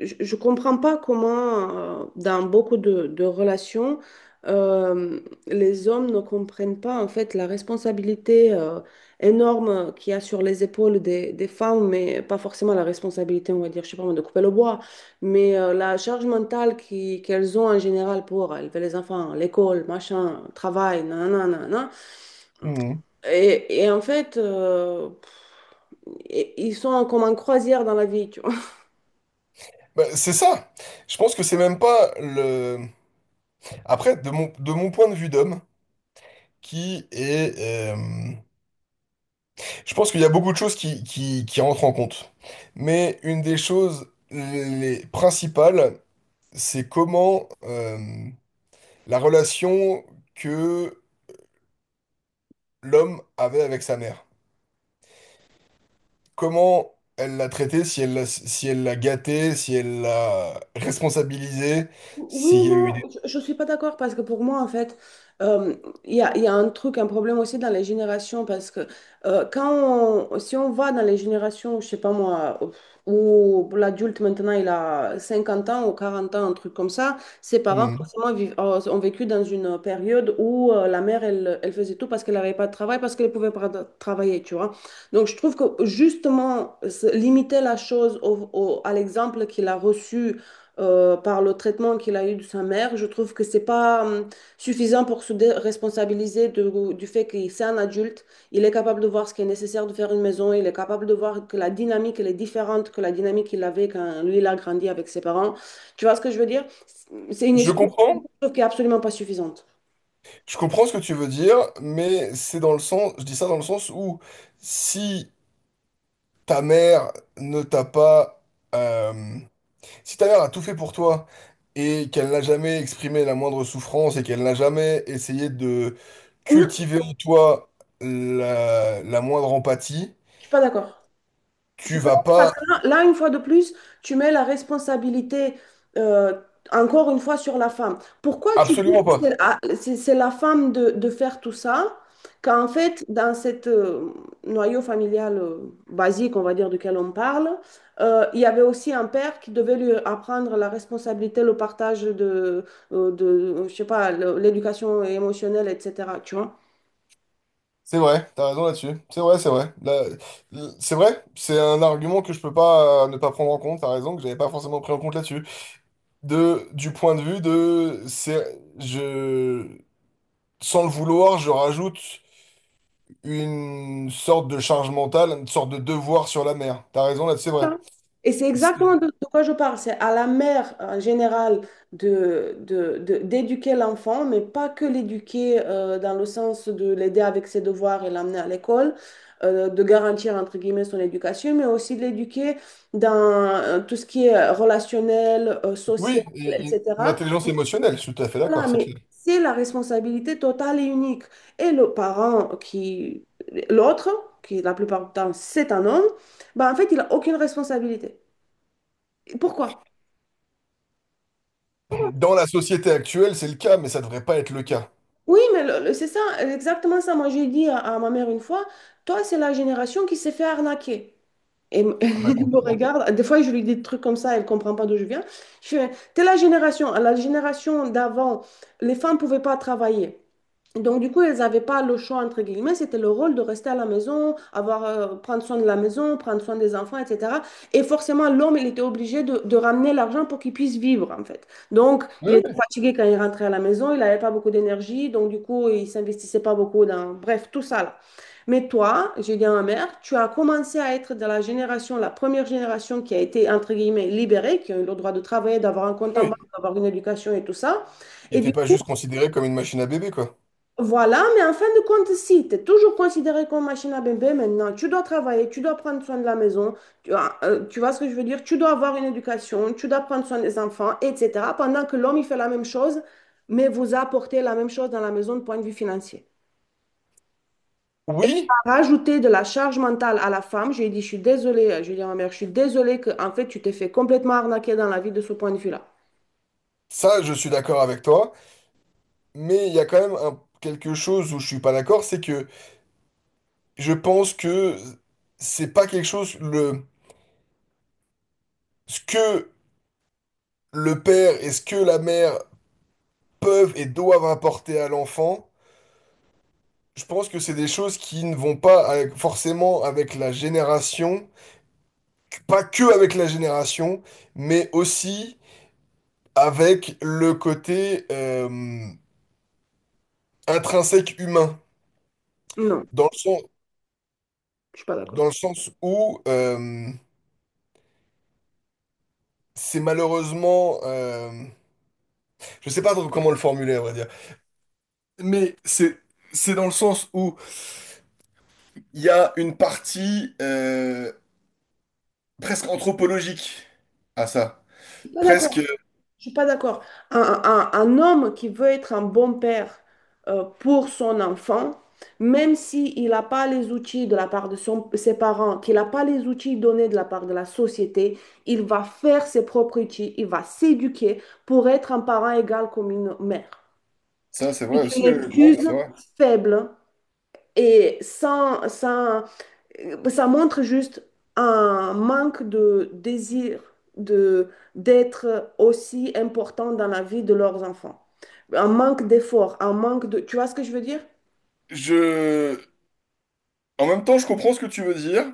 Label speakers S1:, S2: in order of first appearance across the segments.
S1: Je ne comprends pas comment, dans beaucoup de relations, euh, les hommes ne comprennent pas en fait la responsabilité énorme qu'il y a sur les épaules des femmes, mais pas forcément la responsabilité, on va dire, je sais pas moi, de couper le bois, mais la charge mentale qu'elles ont en général pour élever les enfants, l'école, machin, travail, nanana, nanana.
S2: Mhm.
S1: Et en fait, ils sont comme en croisière dans la vie, tu vois.
S2: Bah, c'est ça. Je pense que c'est même pas le. Après, de mon point de vue d'homme, qui est. Je pense qu'il y a beaucoup de choses qui rentrent en compte. Mais une des choses les principales, c'est comment la relation que l'homme avait avec sa mère. Comment elle l'a traitée, si elle l'a gâtée, si elle l'a responsabilisée,
S1: Oui,
S2: s'il y a eu
S1: non,
S2: des.
S1: je ne suis pas d'accord parce que pour moi, en fait, euh, il y a, un truc, un problème aussi dans les générations parce que si on va dans les générations, je sais pas moi, où l'adulte maintenant il a 50 ans ou 40 ans, un truc comme ça, ses parents
S2: Mhm.
S1: forcément ont vécu dans une période où la mère elle, elle faisait tout parce qu'elle n'avait pas de travail, parce qu'elle ne pouvait pas de- travailler, tu vois. Donc je trouve que justement, limiter la chose à l'exemple qu'il a reçu par le traitement qu'il a eu de sa mère. Je trouve que c'est pas suffisant pour se responsabiliser du fait qu'il c'est un adulte. Il est capable de voir ce qui est nécessaire de faire une maison. Il est capable de voir que la dynamique, elle est différente que la dynamique qu'il avait quand lui, il a grandi avec ses parents. Tu vois ce que je veux dire? C'est une
S2: Je
S1: excuse
S2: comprends.
S1: qui est absolument pas suffisante.
S2: Je comprends ce que tu veux dire, mais c'est dans le sens, je dis ça dans le sens où si ta mère ne t'a pas, euh, si ta mère a tout fait pour toi et qu'elle n'a jamais exprimé la moindre souffrance et qu'elle n'a jamais essayé de
S1: Non,
S2: cultiver en toi la moindre empathie,
S1: je suis pas d'accord. Je
S2: tu
S1: suis
S2: vas
S1: d'accord,
S2: pas,
S1: parce que là, là, une fois de plus, tu mets la responsabilité, euh, encore une fois, sur la femme. Pourquoi tu dis
S2: absolument
S1: que
S2: pas.
S1: c'est la femme de faire tout ça, quand en fait, dans cette noyau familial basique, on va dire, duquel on parle, il y avait aussi un père qui devait lui apprendre la responsabilité, le partage de je sais pas, l'éducation émotionnelle, etc. Tu vois?
S2: C'est vrai, t'as raison là-dessus. C'est vrai, c'est vrai. Là, c'est vrai, c'est un argument que je peux pas ne pas prendre en compte. T'as raison que j'avais pas forcément pris en compte là-dessus. De, du point de vue de, c'est, je, sans le vouloir, je rajoute une sorte de charge mentale, une sorte de devoir sur la mer. T'as raison, là, c'est vrai.
S1: Voilà. Et c'est
S2: C'est-
S1: exactement de quoi je parle. C'est à la mère en général d'éduquer l'enfant, mais pas que l'éduquer dans le sens de l'aider avec ses devoirs et l'amener à l'école, de garantir entre guillemets son éducation, mais aussi de l'éduquer dans tout ce qui est relationnel, social,
S2: oui, et une
S1: etc.
S2: intelligence émotionnelle, je suis tout à fait
S1: Voilà,
S2: d'accord, c'est clair.
S1: mais c'est la responsabilité totale et unique. Et le parent qui, l'autre, qui la plupart du temps c'est un homme, bah, en fait, il n'a aucune responsabilité. Pourquoi? Pourquoi?
S2: Dans la société actuelle, c'est le cas, mais ça devrait pas être le cas.
S1: Oui, mais c'est ça, exactement ça. Moi, j'ai dit à ma mère une fois, toi, c'est la génération qui s'est fait arnaquer.
S2: Ah bah,
S1: Elle me
S2: complètement.
S1: regarde, des fois, je lui dis des trucs comme ça, elle comprend pas d'où je viens. Je fais, t'es la génération d'avant, les femmes pouvaient pas travailler. Donc, du coup, elles n'avaient pas le choix, entre guillemets, c'était le rôle de rester à la maison, prendre soin de la maison, prendre soin des enfants, etc. Et forcément, l'homme, il était obligé de ramener l'argent pour qu'il puisse vivre, en fait. Donc,
S2: Oui,
S1: il était
S2: oui.
S1: fatigué quand il rentrait à la maison, il n'avait pas beaucoup d'énergie, donc du coup, il s'investissait pas beaucoup dans. Bref, tout ça, là. Mais toi, j'ai dit à ma mère, tu as commencé à être de la génération, la première génération qui a été, entre guillemets, libérée, qui a eu le droit de travailler, d'avoir un compte en banque,
S2: Oui.
S1: d'avoir une éducation et tout ça.
S2: Il
S1: Et du
S2: n'était pas juste considéré comme une machine à bébé, quoi.
S1: voilà, mais en fin de compte, si tu es toujours considéré comme machine à bébé maintenant, tu dois travailler, tu dois prendre soin de la maison, tu vois. Tu vois ce que je veux dire? Tu dois avoir une éducation, tu dois prendre soin des enfants, etc. Pendant que l'homme, il fait la même chose, mais vous apportez la même chose dans la maison de point de vue financier.
S2: Oui,
S1: Rajouter de la charge mentale à la femme, je lui ai dit, je suis désolée, je lui ai dit à ma mère, je suis désolée que, en fait, tu t'es fait complètement arnaquer dans la vie de ce point de vue-là.
S2: ça, je suis d'accord avec toi, mais il y a quand même un- quelque chose où je suis pas d'accord, c'est que je pense que c'est pas quelque chose le ce que le père et ce que la mère peuvent et doivent apporter à l'enfant. Je pense que c'est des choses qui ne vont pas avec- forcément avec la génération, pas que avec la génération, mais aussi avec le côté intrinsèque humain,
S1: Non,
S2: dans le sens,
S1: je suis pas
S2: dans
S1: d'accord.
S2: le sens où c'est malheureusement, je sais pas trop comment le formuler à vrai dire, mais c'est dans le sens où il y a une partie presque anthropologique à ça.
S1: Je suis pas
S2: Presque.
S1: d'accord. Je suis pas d'accord. Un homme qui veut être un bon père pour son enfant, même s'il n'a pas les outils de la part de ses parents, qu'il n'a pas les outils donnés de la part de la société, il va faire ses propres outils, il va s'éduquer pour être un parent égal comme une mère.
S2: Ça, c'est vrai
S1: C'est une
S2: aussi. Non, mais
S1: excuse
S2: c'est vrai.
S1: faible et sans, sans, ça montre juste un manque de désir de d'être aussi important dans la vie de leurs enfants. Un manque d'effort, un manque de. Tu vois ce que je veux dire?
S2: Je. En même temps, je comprends ce que tu veux dire.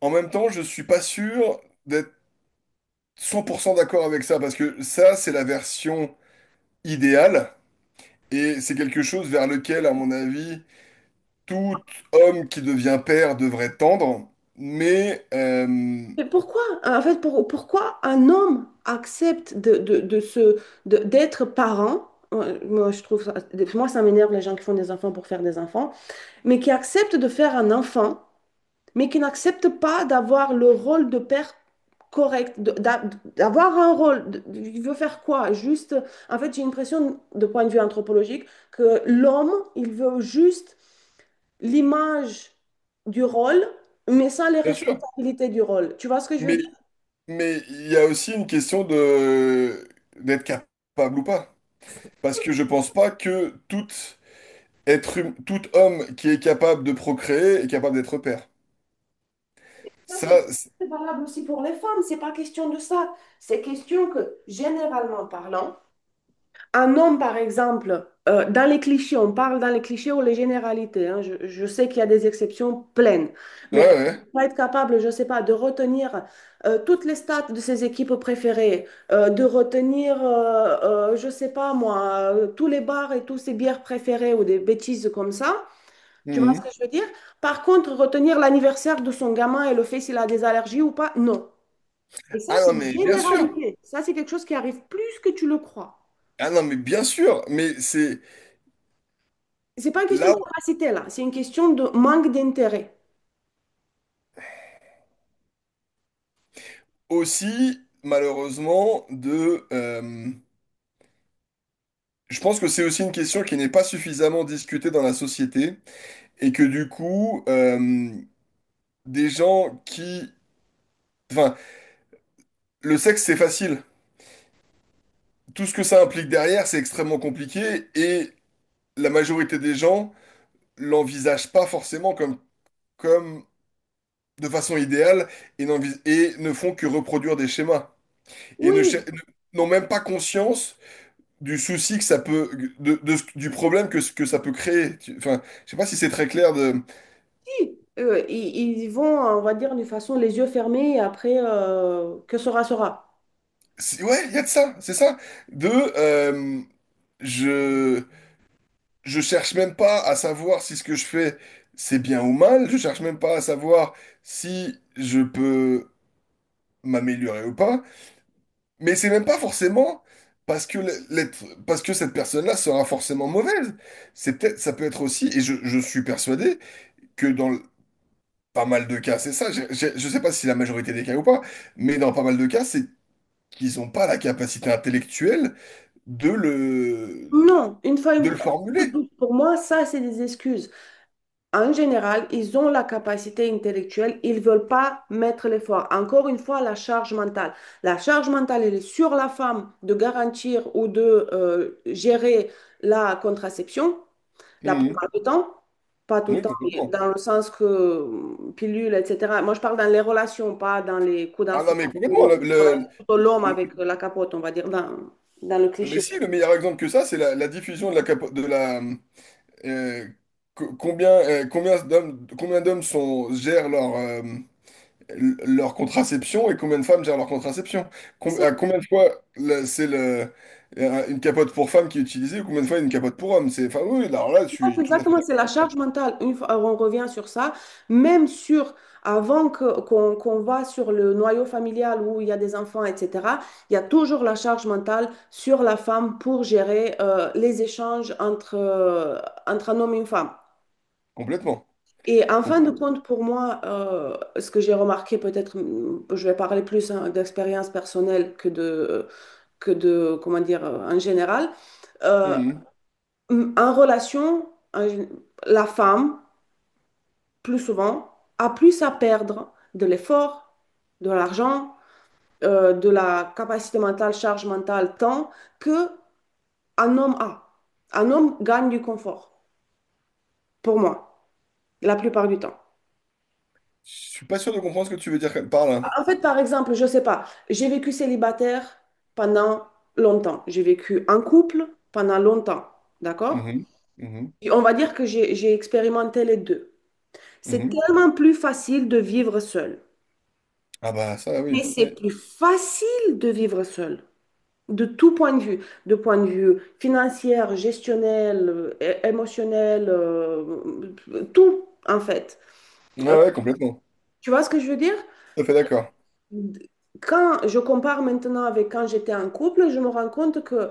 S2: En même temps, je suis pas sûr d'être 100% d'accord avec ça parce que ça, c'est la version idéale et c'est quelque chose vers lequel, à mon avis, tout homme qui devient père devrait tendre. Mais
S1: Mais pourquoi, en fait, pourquoi un homme accepte d'être parent? Euh, Moi, je trouve ça, moi, ça m'énerve les gens qui font des enfants pour faire des enfants, mais qui acceptent de faire un enfant mais qui n'acceptent pas d'avoir le rôle de père correct, d'avoir un rôle. Il veut faire quoi? Juste, en fait, j'ai l'impression, de point de vue anthropologique, que l'homme, il veut juste l'image du rôle, mais sans les
S2: bien sûr.
S1: responsabilités du rôle. Tu vois ce que je veux
S2: Mais
S1: dire?
S2: Mais il y a aussi une question de d'être capable ou pas. Parce que je pense pas que tout être, tout homme qui est capable de procréer est capable d'être père. Ça, c'est-
S1: C'est valable aussi pour les femmes, c'est pas question de ça. C'est question que, généralement parlant, un homme, par exemple, dans les clichés, on parle dans les clichés ou les généralités, hein, je sais qu'il y a des exceptions pleines,
S2: ouais,
S1: mais
S2: ouais.
S1: on va être capable, je ne sais pas, de retenir toutes les stats de ses équipes préférées, de retenir, je ne sais pas moi, tous les bars et tous ses bières préférées ou des bêtises comme ça. Tu vois ce
S2: Mhm.
S1: que je veux dire? Par contre, retenir l'anniversaire de son gamin et le fait s'il a des allergies ou pas, non. Et ça,
S2: Ah
S1: c'est
S2: non,
S1: une
S2: mais bien sûr.
S1: généralité. Ça, c'est quelque chose qui arrive plus que tu le crois.
S2: Ah non, mais bien sûr. Mais c'est
S1: C'est pas une question de
S2: là
S1: capacité là, c'est une question de manque d'intérêt.
S2: aussi, malheureusement, de. Je pense que c'est aussi une question qui n'est pas suffisamment discutée dans la société et que du coup, des gens qui. Enfin, le sexe, c'est facile. Tout ce que ça implique derrière, c'est extrêmement compliqué et la majorité des gens l'envisagent pas forcément comme, comme de façon idéale et, n'envis- et ne font que reproduire des schémas et ne cher-
S1: Oui,
S2: n'ont même pas conscience du souci que ça peut, de ce- du problème que, ce- que ça peut créer. Tu- enfin, je sais pas si c'est très clair de,
S1: si. Ils vont, on va dire, de façon les yeux fermés et après, que sera, sera.
S2: c'est- ouais, il y a de ça, c'est ça, de, euh, je, Je cherche même pas à savoir si ce que je fais, c'est bien ou mal. Je cherche même pas à savoir si je peux m'améliorer ou pas. Mais c'est même pas forcément parce que le- l'être, parce que cette personne-là sera forcément mauvaise. C'est peut-être, ça peut être aussi, et je suis persuadé que dans le- pas mal de cas, c'est ça. J'ai- je sais pas si la majorité des cas ou pas, mais dans pas mal de cas, c'est qu'ils ont pas la capacité intellectuelle de le,
S1: Non,
S2: de le formuler.
S1: pour moi, ça, c'est des excuses. En général, ils ont la capacité intellectuelle, ils ne veulent pas mettre l'effort. Encore une fois, la charge mentale. La charge mentale, elle est sur la femme de garantir ou de gérer la contraception. La
S2: Mhm.
S1: plupart du temps, pas tout le
S2: Oui,
S1: temps, mais
S2: complètement.
S1: dans le sens que pilule, etc. Moi, je parle dans les relations, pas dans les coups d'un
S2: Ah non,
S1: seul
S2: mais complètement.
S1: coup. Ça va
S2: Le,
S1: être plutôt l'homme avec la capote, on va dire, dans, le
S2: mais
S1: cliché.
S2: si, le meilleur exemple que ça, c'est la, la diffusion de la, capo- de la euh, co- combien combien d'hommes sont gèrent leur l- leur contraception et combien de femmes gèrent leur contraception.
S1: C'est
S2: Com-
S1: ça.
S2: à combien de fois là, c'est le une capote pour femme qui est utilisée ou combien de fois une capote pour homme. C'est enfin oui, oui, alors là, je
S1: Je pense
S2: suis tout à fait
S1: , exactement, c'est
S2: d'accord.
S1: la charge mentale. Une fois, on revient sur ça, même sur avant que, qu'on va sur le noyau familial où il y a des enfants, etc. Il y a toujours la charge mentale sur la femme pour gérer les échanges entre un homme et une femme.
S2: Complètement,
S1: Et en fin de
S2: complètement.
S1: compte, pour moi, ce que j'ai remarqué, peut-être, je vais parler plus hein, d'expérience personnelle que de, comment dire, en général. Euh,
S2: Mhm.
S1: en relation, la femme, plus souvent, a plus à perdre de l'effort, de l'argent, de la capacité mentale, charge mentale, temps, que un homme a. Un homme gagne du confort, pour moi, la plupart du temps.
S2: Je suis pas sûr de comprendre ce que tu veux dire par là.
S1: En fait, par exemple, je sais pas, j'ai vécu célibataire pendant longtemps. J'ai vécu en couple pendant longtemps, d'accord?
S2: Mhm. Mhm.
S1: Et on va dire que j'ai expérimenté les deux. C'est
S2: Mhm.
S1: tellement plus facile de vivre seul.
S2: Ah bah ça oui,
S1: Mais c'est
S2: oui.
S1: plus facile de vivre seul, de tout point de vue, de point de vue financier, gestionnel, émotionnel, tout en fait.
S2: Ouais,
S1: Euh,
S2: ouais, complètement.
S1: tu vois ce que je veux dire?
S2: Tout à fait d'accord.
S1: Quand je compare maintenant avec quand j'étais en couple, je me rends compte que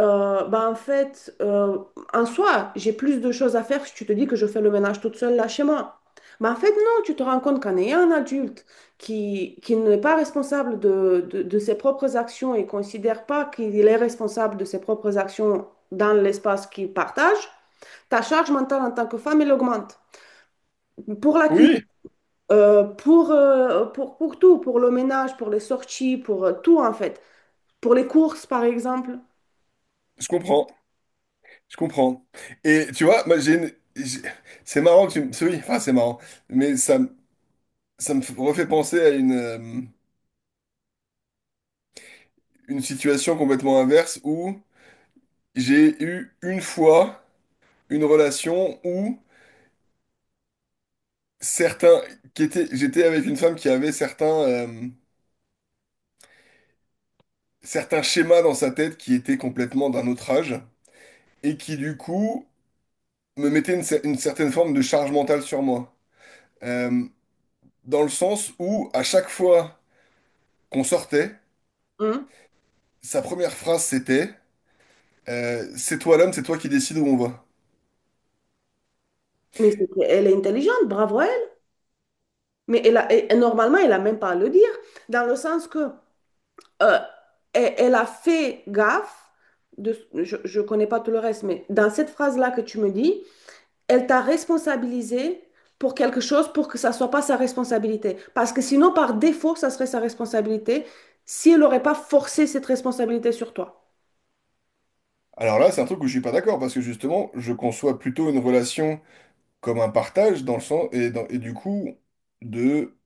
S1: Bah en fait, en soi, j'ai plus de choses à faire si tu te dis que je fais le ménage toute seule là chez moi. Mais en fait, non, tu te rends compte qu'en ayant un adulte qui n'est pas responsable de ses propres actions et considère pas qu'il est responsable de ses propres actions dans l'espace qu'il partage, ta charge mentale en tant que femme, elle augmente. Pour la cuisine,
S2: Oui,
S1: pour tout, pour le ménage, pour les sorties, pour tout en fait. Pour les courses, par exemple.
S2: je comprends, je comprends. Et tu vois, moi j'ai une- j'ai- c'est marrant que tu me... c'est- oui, enfin c'est marrant, mais ça me refait penser à une situation complètement inverse où j'ai eu une fois une relation où certains... qui était... j'étais avec une femme qui avait certains, certains schémas dans sa tête qui étaient complètement d'un autre âge et qui du coup me mettait une, cer- une certaine forme de charge mentale sur moi. Euh, dans le sens où à chaque fois... qu'on sortait,
S1: Hein?
S2: sa première phrase c'était c'est toi l'homme, c'est toi qui décides où on va.
S1: Mais elle est intelligente, bravo à. Mais elle a, et normalement, elle n'a même pas à le dire, dans le sens que euh, elle a fait gaffe, de, je ne connais pas tout le reste, mais dans cette phrase-là que tu me dis, elle t'a responsabilisé pour quelque chose pour que ça ne soit pas sa responsabilité. Parce que sinon, par défaut, ça serait sa responsabilité si elle n'aurait pas forcé cette responsabilité sur toi.
S2: Alors là, c'est un truc où je suis pas d'accord, parce que justement, je conçois plutôt une relation comme un partage, dans le sens, et, dans- et du coup, de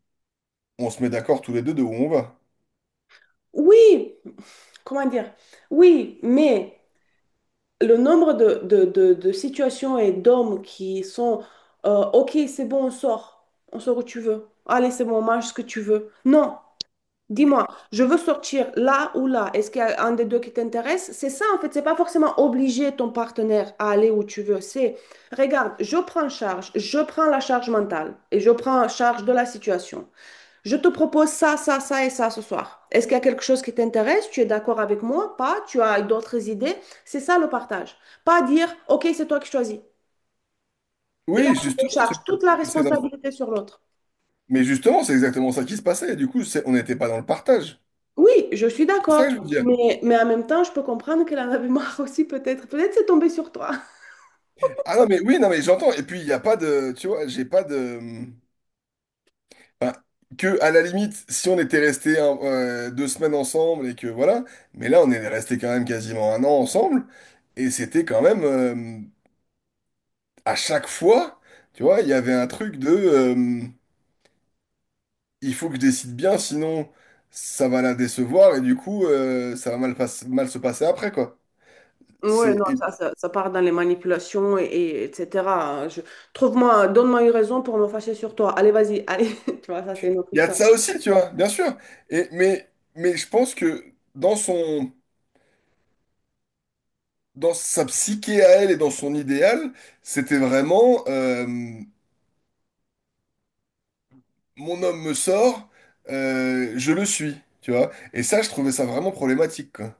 S2: on se met d'accord tous les deux de où on va.
S1: Oui, comment dire? Oui, mais le nombre de situations et d'hommes qui sont OK, c'est bon, on sort. On sort où tu veux. Allez, c'est bon, on mange ce que tu veux. Non, dis-moi, je veux sortir là ou là. Est-ce qu'il y a un des deux qui t'intéresse? C'est ça, en fait. C'est pas forcément obliger ton partenaire à aller où tu veux. C'est, regarde, je prends charge, je prends la charge mentale et je prends charge de la situation. Je te propose ça, ça, ça et ça ce soir. Est-ce qu'il y a quelque chose qui t'intéresse? Tu es d'accord avec moi? Pas? Tu as d'autres idées? C'est ça le partage. Pas dire, OK, c'est toi qui choisis. Là,
S2: Oui,
S1: tu te
S2: justement,
S1: charges toute la
S2: c'est dans-
S1: responsabilité sur l'autre.
S2: mais justement, c'est exactement ça qui se passait, et du coup, c'est- on n'était pas dans le partage.
S1: Oui, je suis
S2: C'est ça que je veux
S1: d'accord.
S2: dire.
S1: Mais en même temps, je peux comprendre qu'elle en avait marre aussi, peut-être. Peut-être c'est tombé sur toi.
S2: Ah non, mais oui, non, mais j'entends, et puis il n'y a pas de, tu vois, j'ai pas de. Bah, que à la limite, si on était resté un- 2 semaines ensemble et que voilà, mais là on est resté quand même quasiment 1 an ensemble et c'était quand même à chaque fois, tu vois, il y avait un truc de il faut que je décide bien, sinon ça va la décevoir et du coup ça va mal, pas- mal se passer après quoi.
S1: Ouais,
S2: C'est
S1: non,
S2: et
S1: ça part dans les manipulations et etc. Je- Trouve-moi, donne-moi une raison pour me fâcher sur toi. Allez, vas-y, allez. Tu vois, ça, c'est une autre
S2: il y a de
S1: histoire.
S2: ça aussi, tu vois, bien sûr. Et mais je pense que dans son dans sa psyché à elle et dans son idéal, c'était vraiment. Mon homme me sort, je le suis, tu vois. Et ça, je trouvais ça vraiment problématique, quoi.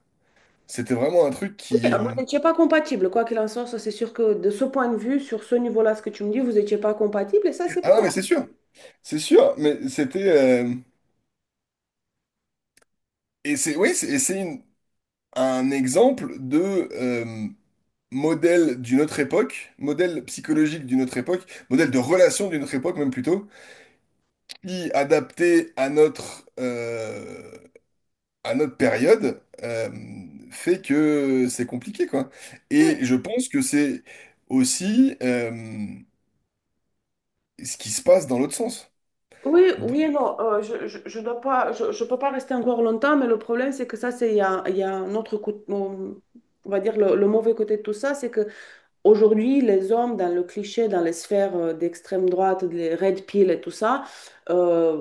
S2: C'était vraiment un truc qui...
S1: Ah, vous n'étiez pas compatible, quoi qu'il en soit, ça c'est sûr que de ce point de vue, sur ce niveau-là, ce que tu me dis, vous n'étiez pas compatible et ça c'est
S2: Ah
S1: pas.
S2: non, mais c'est sûr, mais c'était... euh, et c'est oui, c'est et c'est une- un exemple de modèle d'une autre époque, modèle psychologique d'une autre époque, modèle de relation d'une autre époque même plutôt, qui adapté à notre période fait que c'est compliqué, quoi.
S1: Ouais.
S2: Et je pense que c'est aussi ce qui se passe dans l'autre sens.
S1: Oui,
S2: De-
S1: oui et non, je dois pas, je peux pas rester encore longtemps, mais le problème c'est que ça c'est il y a un autre côté, on va dire le mauvais côté de tout ça, c'est que aujourd'hui les hommes dans le cliché, dans les sphères d'extrême droite, les red pill et tout ça, euh,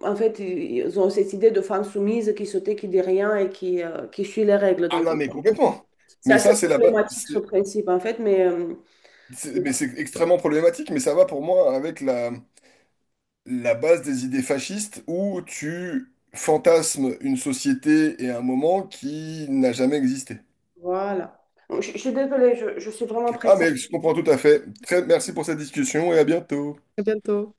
S1: en fait ils ont cette idée de femme soumise qui se tait, qui dit rien et qui suit les règles.
S2: ah
S1: Donc
S2: non, mais complètement.
S1: c'est
S2: Mais
S1: assez
S2: ça, c'est la base.
S1: problématique ce principe en fait, mais
S2: Mais c'est extrêmement problématique, mais ça va pour moi avec la, la base des idées fascistes où tu fantasmes une société et un moment qui n'a jamais existé.
S1: voilà. Je suis désolée, je suis vraiment
S2: Ah,
S1: pressée.
S2: mais je comprends tout à fait. Très, merci pour cette discussion et à bientôt.
S1: À bientôt.